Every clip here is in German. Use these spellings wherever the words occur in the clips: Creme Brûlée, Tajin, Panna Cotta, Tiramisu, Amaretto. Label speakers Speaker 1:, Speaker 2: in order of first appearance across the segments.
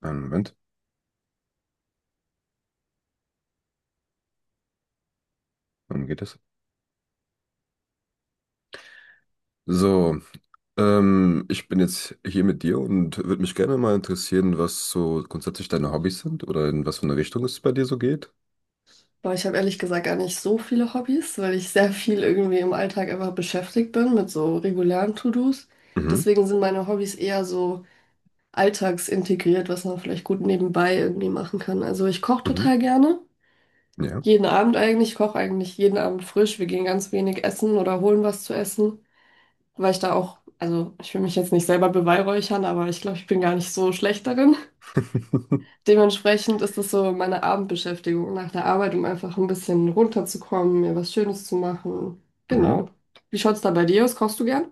Speaker 1: Einen Moment, wann geht das? So, ich bin jetzt hier mit dir und würde mich gerne mal interessieren, was so grundsätzlich deine Hobbys sind oder in was für eine Richtung es bei dir so geht.
Speaker 2: Boah, ich habe ehrlich gesagt gar nicht so viele Hobbys, weil ich sehr viel irgendwie im Alltag einfach beschäftigt bin mit so regulären To-Dos.
Speaker 1: Mhm,
Speaker 2: Deswegen sind meine Hobbys eher so alltagsintegriert, was man vielleicht gut nebenbei irgendwie machen kann. Also ich koche
Speaker 1: mhm,
Speaker 2: total gerne.
Speaker 1: ja.
Speaker 2: Jeden Abend eigentlich. Ich koche eigentlich jeden Abend frisch. Wir gehen ganz wenig essen oder holen was zu essen, weil ich da auch, also ich will mich jetzt nicht selber beweihräuchern, aber ich glaube, ich bin gar nicht so schlecht darin. Dementsprechend ist das so meine Abendbeschäftigung nach der Arbeit, um einfach ein bisschen runterzukommen, mir was Schönes zu machen.
Speaker 1: Mhm.
Speaker 2: Genau. Wie schaut's da bei dir aus? Kochst du gern?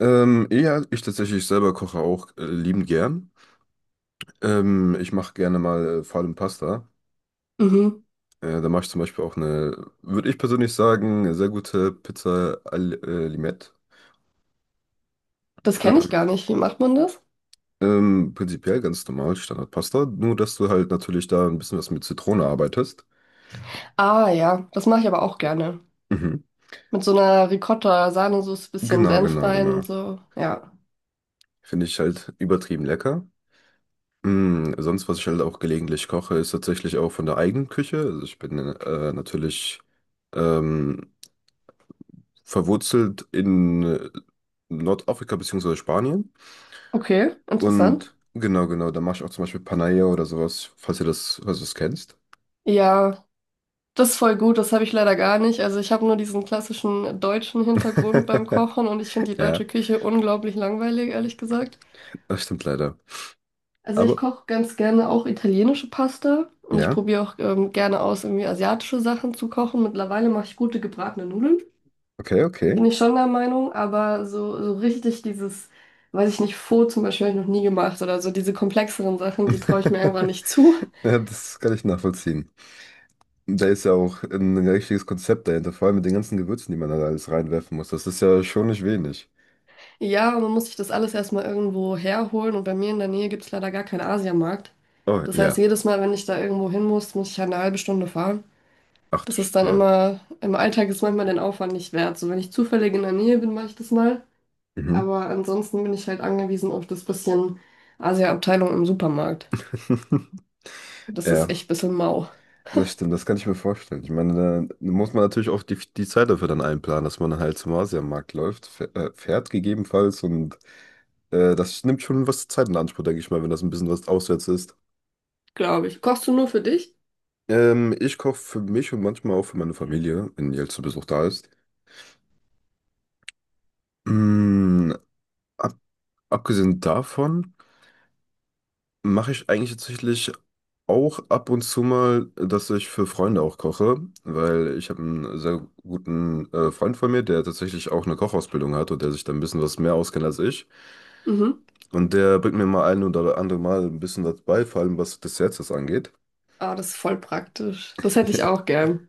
Speaker 1: Ja, ich tatsächlich selber koche auch liebend gern. Ich mache gerne mal vor allem Pasta.
Speaker 2: Mhm.
Speaker 1: Da mache ich zum Beispiel auch eine, würde ich persönlich sagen, eine sehr gute Pizza al Limette.
Speaker 2: Das kenne ich
Speaker 1: Ähm,
Speaker 2: gar nicht. Wie macht man das?
Speaker 1: Prinzipiell ganz normal, Standardpasta, nur dass du halt natürlich da ein bisschen was mit Zitrone arbeitest.
Speaker 2: Ah ja, das mache ich aber auch gerne.
Speaker 1: Mhm.
Speaker 2: Mit so einer Ricotta-Sahnesoße, bisschen
Speaker 1: Genau,
Speaker 2: Senf
Speaker 1: genau,
Speaker 2: rein und
Speaker 1: genau.
Speaker 2: so. Ja.
Speaker 1: Finde ich halt übertrieben lecker. Sonst, was ich halt auch gelegentlich koche, ist tatsächlich auch von der eigenen Küche. Also ich bin natürlich ähm, verwurzelt in Nordafrika bzw. Spanien.
Speaker 2: Okay, interessant.
Speaker 1: Und genau, genau, da mache ich auch zum Beispiel Panaya oder sowas, falls ihr das, falls du das kennst.
Speaker 2: Ja, das ist voll gut. Das habe ich leider gar nicht. Also ich habe nur diesen klassischen deutschen Hintergrund beim Kochen und ich finde die deutsche
Speaker 1: Ja,
Speaker 2: Küche unglaublich langweilig, ehrlich gesagt.
Speaker 1: das stimmt leider.
Speaker 2: Also ich
Speaker 1: Aber
Speaker 2: koche ganz gerne auch italienische Pasta und ich
Speaker 1: ja,
Speaker 2: probiere auch gerne aus, irgendwie asiatische Sachen zu kochen. Mittlerweile mache ich gute gebratene Nudeln,
Speaker 1: okay, okay.
Speaker 2: bin ich schon der Meinung, aber so richtig dieses, weiß ich nicht, Pho zum Beispiel habe ich noch nie gemacht oder so diese komplexeren Sachen, die traue ich mir einfach nicht zu.
Speaker 1: Ja, das kann ich nachvollziehen. Da ist ja auch ein richtiges Konzept dahinter, vor allem mit den ganzen Gewürzen, die man da alles reinwerfen muss. Das ist ja schon nicht wenig.
Speaker 2: Ja, und man muss sich das alles erstmal irgendwo herholen und bei mir in der Nähe gibt es leider gar keinen Asiamarkt.
Speaker 1: Oh,
Speaker 2: Das heißt,
Speaker 1: ja.
Speaker 2: jedes Mal, wenn ich da irgendwo hin muss, muss ich halt eine halbe Stunde fahren.
Speaker 1: Ach du
Speaker 2: Das
Speaker 1: Sch
Speaker 2: ist dann
Speaker 1: ja.
Speaker 2: immer, im Alltag ist manchmal den Aufwand nicht wert. So, wenn ich zufällig in der Nähe bin, mache ich das mal.
Speaker 1: Mhm.
Speaker 2: Aber ansonsten bin ich halt angewiesen auf das bisschen Asia-Abteilung im Supermarkt. Das ist
Speaker 1: Ja,
Speaker 2: echt ein bisschen mau,
Speaker 1: das stimmt, das kann ich mir vorstellen. Ich meine, da muss man natürlich auch die Zeit dafür dann einplanen, dass man halt zum Asiamarkt läuft, fährt gegebenenfalls und das nimmt schon was Zeit in Anspruch, denke ich mal, wenn das ein bisschen was auswärts ist.
Speaker 2: glaube ich. Kochst du nur für dich?
Speaker 1: Ich koche für mich und manchmal auch für meine Familie, wenn die halt zu Besuch da ist. Mm, Abgesehen davon mache ich eigentlich tatsächlich auch ab und zu mal, dass ich für Freunde auch koche, weil ich habe einen sehr guten Freund von mir, der tatsächlich auch eine Kochausbildung hat und der sich da ein bisschen was mehr auskennt als ich.
Speaker 2: Mhm.
Speaker 1: Und der bringt mir mal ein oder andere Mal ein bisschen was bei, vor allem was Desserts das angeht.
Speaker 2: Ah, das ist voll praktisch. Das hätte ich
Speaker 1: Ja.
Speaker 2: auch gern.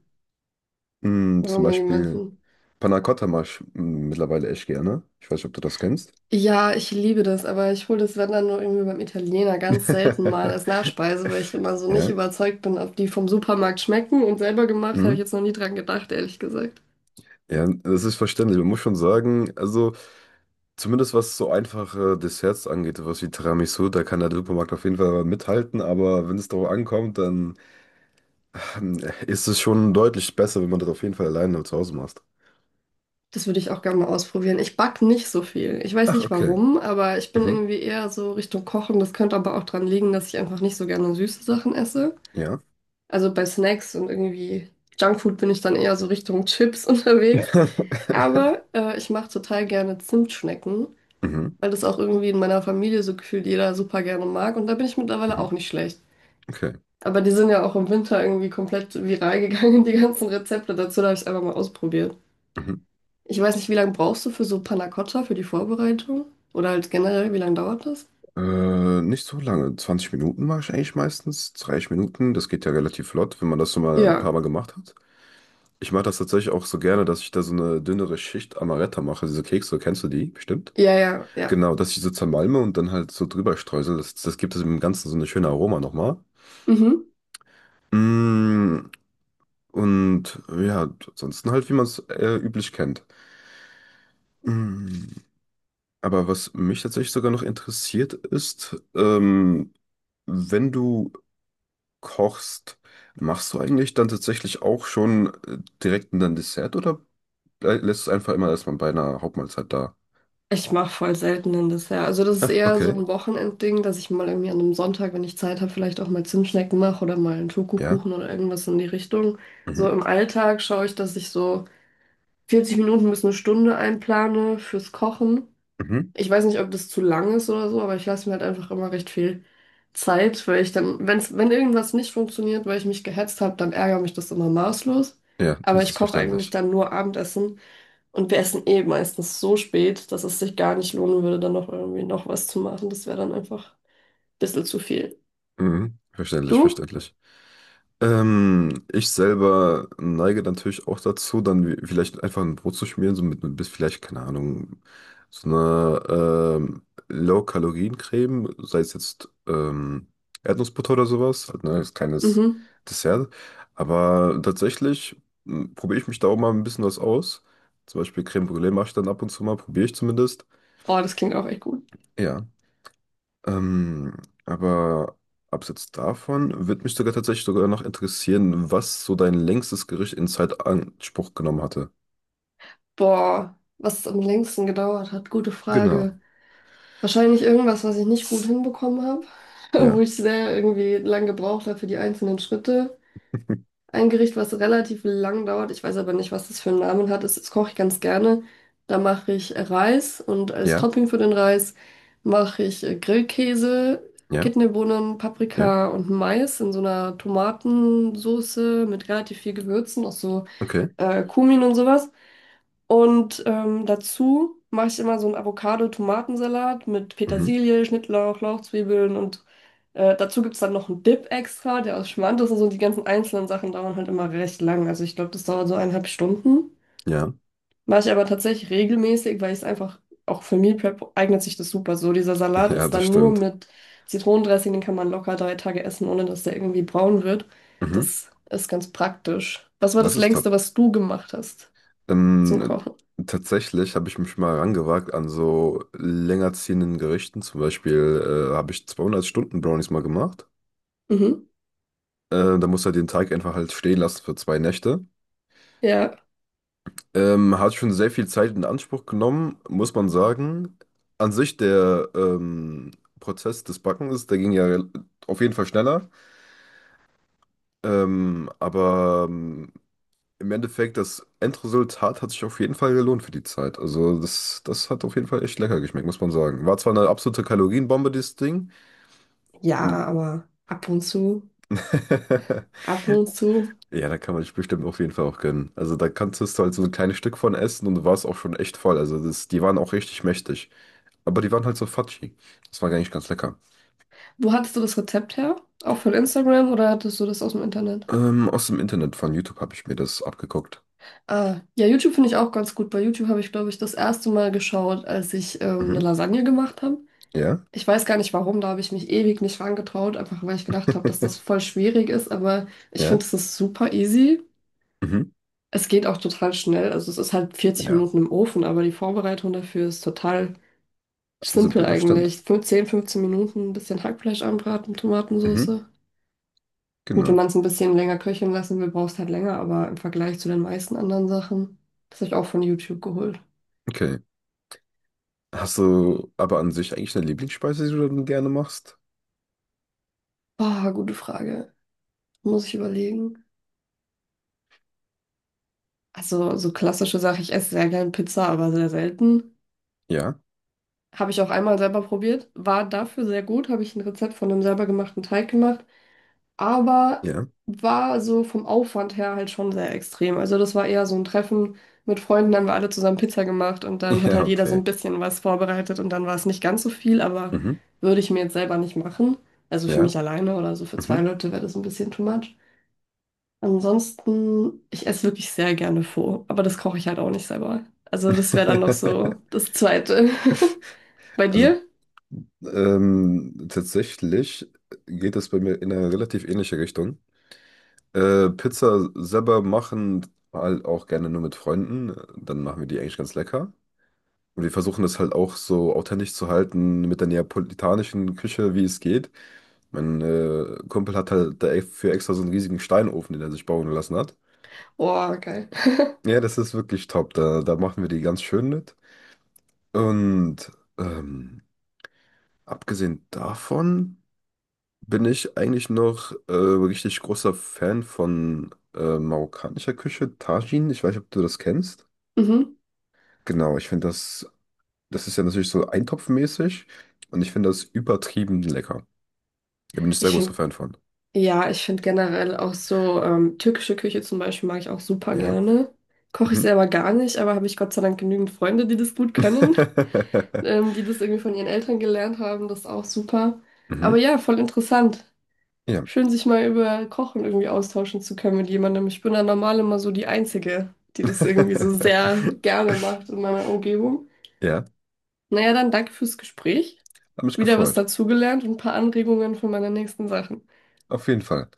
Speaker 2: Oder
Speaker 1: Zum
Speaker 2: mal
Speaker 1: Beispiel
Speaker 2: jemanden.
Speaker 1: Panna Cotta mache ich mittlerweile echt gerne. Ich weiß nicht, ob du das kennst.
Speaker 2: Ja, ich liebe das, aber ich hole das, wenn dann nur irgendwie beim Italiener ganz selten mal als Nachspeise, weil ich immer so nicht
Speaker 1: Ja.
Speaker 2: überzeugt bin, ob die vom Supermarkt schmecken. Und selber gemacht habe ich
Speaker 1: Mhm.
Speaker 2: jetzt noch nie dran gedacht, ehrlich gesagt.
Speaker 1: Ja, das ist verständlich. Man muss schon sagen, also. Zumindest was so einfache Desserts angeht, was wie Tiramisu, da kann der Supermarkt auf jeden Fall mithalten, aber wenn es darauf ankommt, dann ähm, ist es schon deutlich besser, wenn man das auf jeden Fall alleine zu Hause macht.
Speaker 2: Das würde ich auch gerne mal ausprobieren. Ich back nicht so viel. Ich weiß
Speaker 1: Ach,
Speaker 2: nicht
Speaker 1: okay.
Speaker 2: warum, aber ich bin
Speaker 1: Mhm.
Speaker 2: irgendwie eher so Richtung Kochen. Das könnte aber auch dran liegen, dass ich einfach nicht so gerne süße Sachen esse.
Speaker 1: Ja.
Speaker 2: Also bei Snacks und irgendwie Junkfood bin ich dann eher so Richtung Chips unterwegs. Aber ich mache total gerne Zimtschnecken,
Speaker 1: Mhm.
Speaker 2: weil das auch irgendwie in meiner Familie so gefühlt jeder super gerne mag. Und da bin ich mittlerweile auch
Speaker 1: Mhm.
Speaker 2: nicht schlecht.
Speaker 1: Okay.
Speaker 2: Aber die sind ja auch im Winter irgendwie komplett viral gegangen, die ganzen Rezepte dazu. Da habe ich es einfach mal ausprobiert.
Speaker 1: Mhm.
Speaker 2: Ich weiß nicht, wie lange brauchst du für so Panna Cotta, für die Vorbereitung? Oder halt generell, wie lange dauert das?
Speaker 1: Nicht so lange. 20 Minuten mache ich eigentlich meistens. 30 Minuten, das geht ja relativ flott, wenn man das schon mal ein paar
Speaker 2: Ja,
Speaker 1: Mal gemacht hat. Ich mache das tatsächlich auch so gerne, dass ich da so eine dünnere Schicht Amaretto mache. Diese Kekse, kennst du die? Bestimmt.
Speaker 2: ja, ja, ja.
Speaker 1: Genau, dass ich so zermalme und dann halt so drüber streusel. Das, das gibt es im Ganzen so eine schöne Aroma nochmal.
Speaker 2: Mhm.
Speaker 1: Mm, und ja, ansonsten halt, wie man es üblich kennt. Mm, aber was mich tatsächlich sogar noch interessiert ist, wenn du kochst, machst du eigentlich dann tatsächlich auch schon direkt ein Dessert oder lässt es einfach immer erstmal bei einer Hauptmahlzeit da?
Speaker 2: Ich mache voll selten ein Dessert. Also das ist
Speaker 1: Ah,
Speaker 2: eher so
Speaker 1: okay.
Speaker 2: ein Wochenendding, dass ich mal irgendwie an einem Sonntag, wenn ich Zeit habe, vielleicht auch mal Zimtschnecken mache oder mal einen
Speaker 1: Ja.
Speaker 2: Schokokuchen oder irgendwas in die Richtung. So
Speaker 1: Mhm.
Speaker 2: im Alltag schaue ich, dass ich so 40 Minuten bis eine Stunde einplane fürs Kochen.
Speaker 1: Mhm.
Speaker 2: Ich weiß nicht, ob das zu lang ist oder so, aber ich lasse mir halt einfach immer recht viel Zeit, weil ich dann, wenn irgendwas nicht funktioniert, weil ich mich gehetzt habe, dann ärgert mich das immer maßlos.
Speaker 1: Ja,
Speaker 2: Aber
Speaker 1: das
Speaker 2: ich
Speaker 1: ist
Speaker 2: koche eigentlich
Speaker 1: verständlich.
Speaker 2: dann nur Abendessen und wir essen eh meistens so spät, dass es sich gar nicht lohnen würde, dann noch irgendwie noch was zu machen. Das wäre dann einfach ein bisschen zu viel.
Speaker 1: Mhm. Verständlich,
Speaker 2: Du?
Speaker 1: verständlich. Ich selber neige natürlich auch dazu, dann vielleicht einfach ein Brot zu schmieren, so mit bis vielleicht, keine Ahnung, so einer ähm, Low-Kalorien-Creme, sei es jetzt Erdnussbutter oder sowas, halt, ne, als kleines
Speaker 2: Mhm.
Speaker 1: Dessert. Aber tatsächlich probiere ich mich da auch mal ein bisschen was aus. Zum Beispiel Creme Brûlée mache ich dann ab und zu mal, probiere ich zumindest.
Speaker 2: Oh, das klingt auch echt gut.
Speaker 1: Ja. Ähm, aber abseits davon würde mich sogar tatsächlich sogar noch interessieren, was so dein längstes Gericht in Zeit Anspruch genommen hatte.
Speaker 2: Boah, was es am längsten gedauert hat, gute
Speaker 1: Genau.
Speaker 2: Frage. Wahrscheinlich irgendwas, was ich nicht gut hinbekommen habe, wo
Speaker 1: Ja,
Speaker 2: ich sehr irgendwie lang gebraucht habe für die einzelnen Schritte. Ein Gericht, was relativ lang dauert, ich weiß aber nicht, was das für einen Namen hat, das, das koche ich ganz gerne. Da mache ich Reis und als
Speaker 1: ja,
Speaker 2: Topping für den Reis mache ich Grillkäse,
Speaker 1: ja,
Speaker 2: Kidneybohnen,
Speaker 1: ja.
Speaker 2: Paprika und Mais in so einer Tomatensoße mit relativ viel Gewürzen, auch so
Speaker 1: Okay.
Speaker 2: Kumin und sowas. Und dazu mache ich immer so einen Avocado-Tomatensalat mit
Speaker 1: Mhm.
Speaker 2: Petersilie, Schnittlauch, Lauchzwiebeln und dazu gibt es dann noch einen Dip extra, der aus Schmand ist und so. Die ganzen einzelnen Sachen dauern halt immer recht lang. Also ich glaube, das dauert so 1,5 Stunden.
Speaker 1: Ja,
Speaker 2: Mache ich aber tatsächlich regelmäßig, weil ich es einfach, auch für Meal Prep eignet sich das super so. Dieser Salat
Speaker 1: ja,
Speaker 2: ist
Speaker 1: das
Speaker 2: dann nur
Speaker 1: stimmt.
Speaker 2: mit Zitronendressing, den kann man locker 3 Tage essen, ohne dass der irgendwie braun wird.
Speaker 1: Mhm.
Speaker 2: Das ist ganz praktisch. Was war
Speaker 1: Das
Speaker 2: das
Speaker 1: ist
Speaker 2: Längste,
Speaker 1: top.
Speaker 2: was du gemacht hast zum
Speaker 1: Ähm,
Speaker 2: Kochen?
Speaker 1: tatsächlich habe ich mich mal rangewagt an so länger ziehenden Gerichten. Zum Beispiel habe ich 200 Stunden Brownies mal gemacht.
Speaker 2: Mhm.
Speaker 1: Da musst du halt den Teig einfach halt stehen lassen für zwei Nächte.
Speaker 2: Ja.
Speaker 1: Hat schon sehr viel Zeit in Anspruch genommen, muss man sagen. An sich der Prozess des Backens, der ging ja auf jeden Fall schneller. Aber im Endeffekt, das Endresultat hat sich auf jeden Fall gelohnt für die Zeit. Also das, das hat auf jeden Fall echt lecker geschmeckt, muss man sagen. War zwar eine absolute Kalorienbombe, dieses Ding.
Speaker 2: Ja,
Speaker 1: Und
Speaker 2: aber ab und zu, ab und zu.
Speaker 1: ja, da kann man sich bestimmt auf jeden Fall auch gönnen. Also da kannst du halt so ein kleines Stück von essen und du warst auch schon echt voll. Also das, die waren auch richtig mächtig. Aber die waren halt so fudgy. Das war gar nicht ganz lecker.
Speaker 2: Wo hattest du das Rezept her? Auch von Instagram oder hattest du das aus dem Internet?
Speaker 1: Aus dem Internet von YouTube habe ich mir das abgeguckt.
Speaker 2: Ah, ja, YouTube finde ich auch ganz gut. Bei YouTube habe ich, glaube ich, das erste Mal geschaut, als ich eine
Speaker 1: Mhm.
Speaker 2: Lasagne gemacht habe.
Speaker 1: Ja.
Speaker 2: Ich weiß gar nicht warum, da habe ich mich ewig nicht rangetraut, einfach weil ich gedacht habe, dass das voll schwierig ist, aber ich
Speaker 1: Ja.
Speaker 2: finde, es ist super easy.
Speaker 1: Mhm.
Speaker 2: Es geht auch total schnell. Also es ist halt vierzig
Speaker 1: Ja.
Speaker 2: Minuten im Ofen, aber die Vorbereitung dafür ist total simpel
Speaker 1: Simpel, das
Speaker 2: eigentlich.
Speaker 1: stimmt.
Speaker 2: 10, 15 Minuten ein bisschen Hackfleisch anbraten,
Speaker 1: Mhm.
Speaker 2: Tomatensauce. Gut, wenn
Speaker 1: Genau.
Speaker 2: man es ein bisschen länger köcheln lassen will, brauchst halt länger, aber im Vergleich zu den meisten anderen Sachen, das habe ich auch von YouTube geholt.
Speaker 1: Okay. Hast du aber an sich eigentlich eine Lieblingsspeise, die du dann gerne machst?
Speaker 2: Ah, gute Frage. Muss ich überlegen. Also, so klassische Sache, ich esse sehr gern Pizza, aber sehr selten.
Speaker 1: Ja.
Speaker 2: Habe ich auch einmal selber probiert, war dafür sehr gut, habe ich ein Rezept von einem selber gemachten Teig gemacht, aber
Speaker 1: Ja.
Speaker 2: war so vom Aufwand her halt schon sehr extrem. Also das war eher so ein Treffen mit Freunden, dann haben wir alle zusammen Pizza gemacht und dann hat
Speaker 1: Ja,
Speaker 2: halt jeder so
Speaker 1: okay.
Speaker 2: ein bisschen was vorbereitet und dann war es nicht ganz so viel, aber
Speaker 1: Mhm.
Speaker 2: würde ich mir jetzt selber nicht machen. Also für
Speaker 1: Ja.
Speaker 2: mich alleine oder so für zwei
Speaker 1: Mhm.
Speaker 2: Leute wäre das ein bisschen too much. Ansonsten, ich esse wirklich sehr gerne Pho, aber das koche ich halt auch nicht selber. Also das wäre dann noch so das Zweite. Bei
Speaker 1: Also
Speaker 2: dir?
Speaker 1: tatsächlich geht es bei mir in eine relativ ähnliche Richtung. Pizza selber machen halt auch gerne nur mit Freunden. Dann machen wir die eigentlich ganz lecker. Und wir versuchen das halt auch so authentisch zu halten mit der neapolitanischen Küche, wie es geht. Mein Kumpel hat halt dafür extra so einen riesigen Steinofen, den er sich bauen lassen hat.
Speaker 2: Oh, geil.
Speaker 1: Ja, das ist wirklich top. Da, da machen wir die ganz schön mit. Und ähm, abgesehen davon bin ich eigentlich noch richtig großer Fan von marokkanischer Küche, Tajin. Ich weiß nicht, ob du das kennst.
Speaker 2: Mhm.
Speaker 1: Genau, ich finde das, das ist ja natürlich so eintopfmäßig und ich finde das übertrieben lecker. Da bin ich sehr
Speaker 2: Ich
Speaker 1: großer
Speaker 2: finde
Speaker 1: Fan von.
Speaker 2: Ja, ich finde generell auch so türkische Küche zum Beispiel mag ich auch super
Speaker 1: Ja.
Speaker 2: gerne. Koche ich
Speaker 1: Mhm.
Speaker 2: selber gar nicht, aber habe ich Gott sei Dank genügend Freunde, die das gut können, die das irgendwie von ihren Eltern gelernt haben. Das ist auch super. Aber
Speaker 1: Mhm.
Speaker 2: ja, voll interessant.
Speaker 1: Ja.
Speaker 2: Schön, sich mal über Kochen irgendwie austauschen zu können mit jemandem. Ich bin da normal immer so die Einzige, die das irgendwie so sehr gerne macht in meiner Umgebung.
Speaker 1: Ja,
Speaker 2: Naja, dann danke fürs Gespräch.
Speaker 1: hat mich
Speaker 2: Wieder was
Speaker 1: gefreut.
Speaker 2: dazugelernt und ein paar Anregungen für meine nächsten Sachen.
Speaker 1: Auf jeden Fall.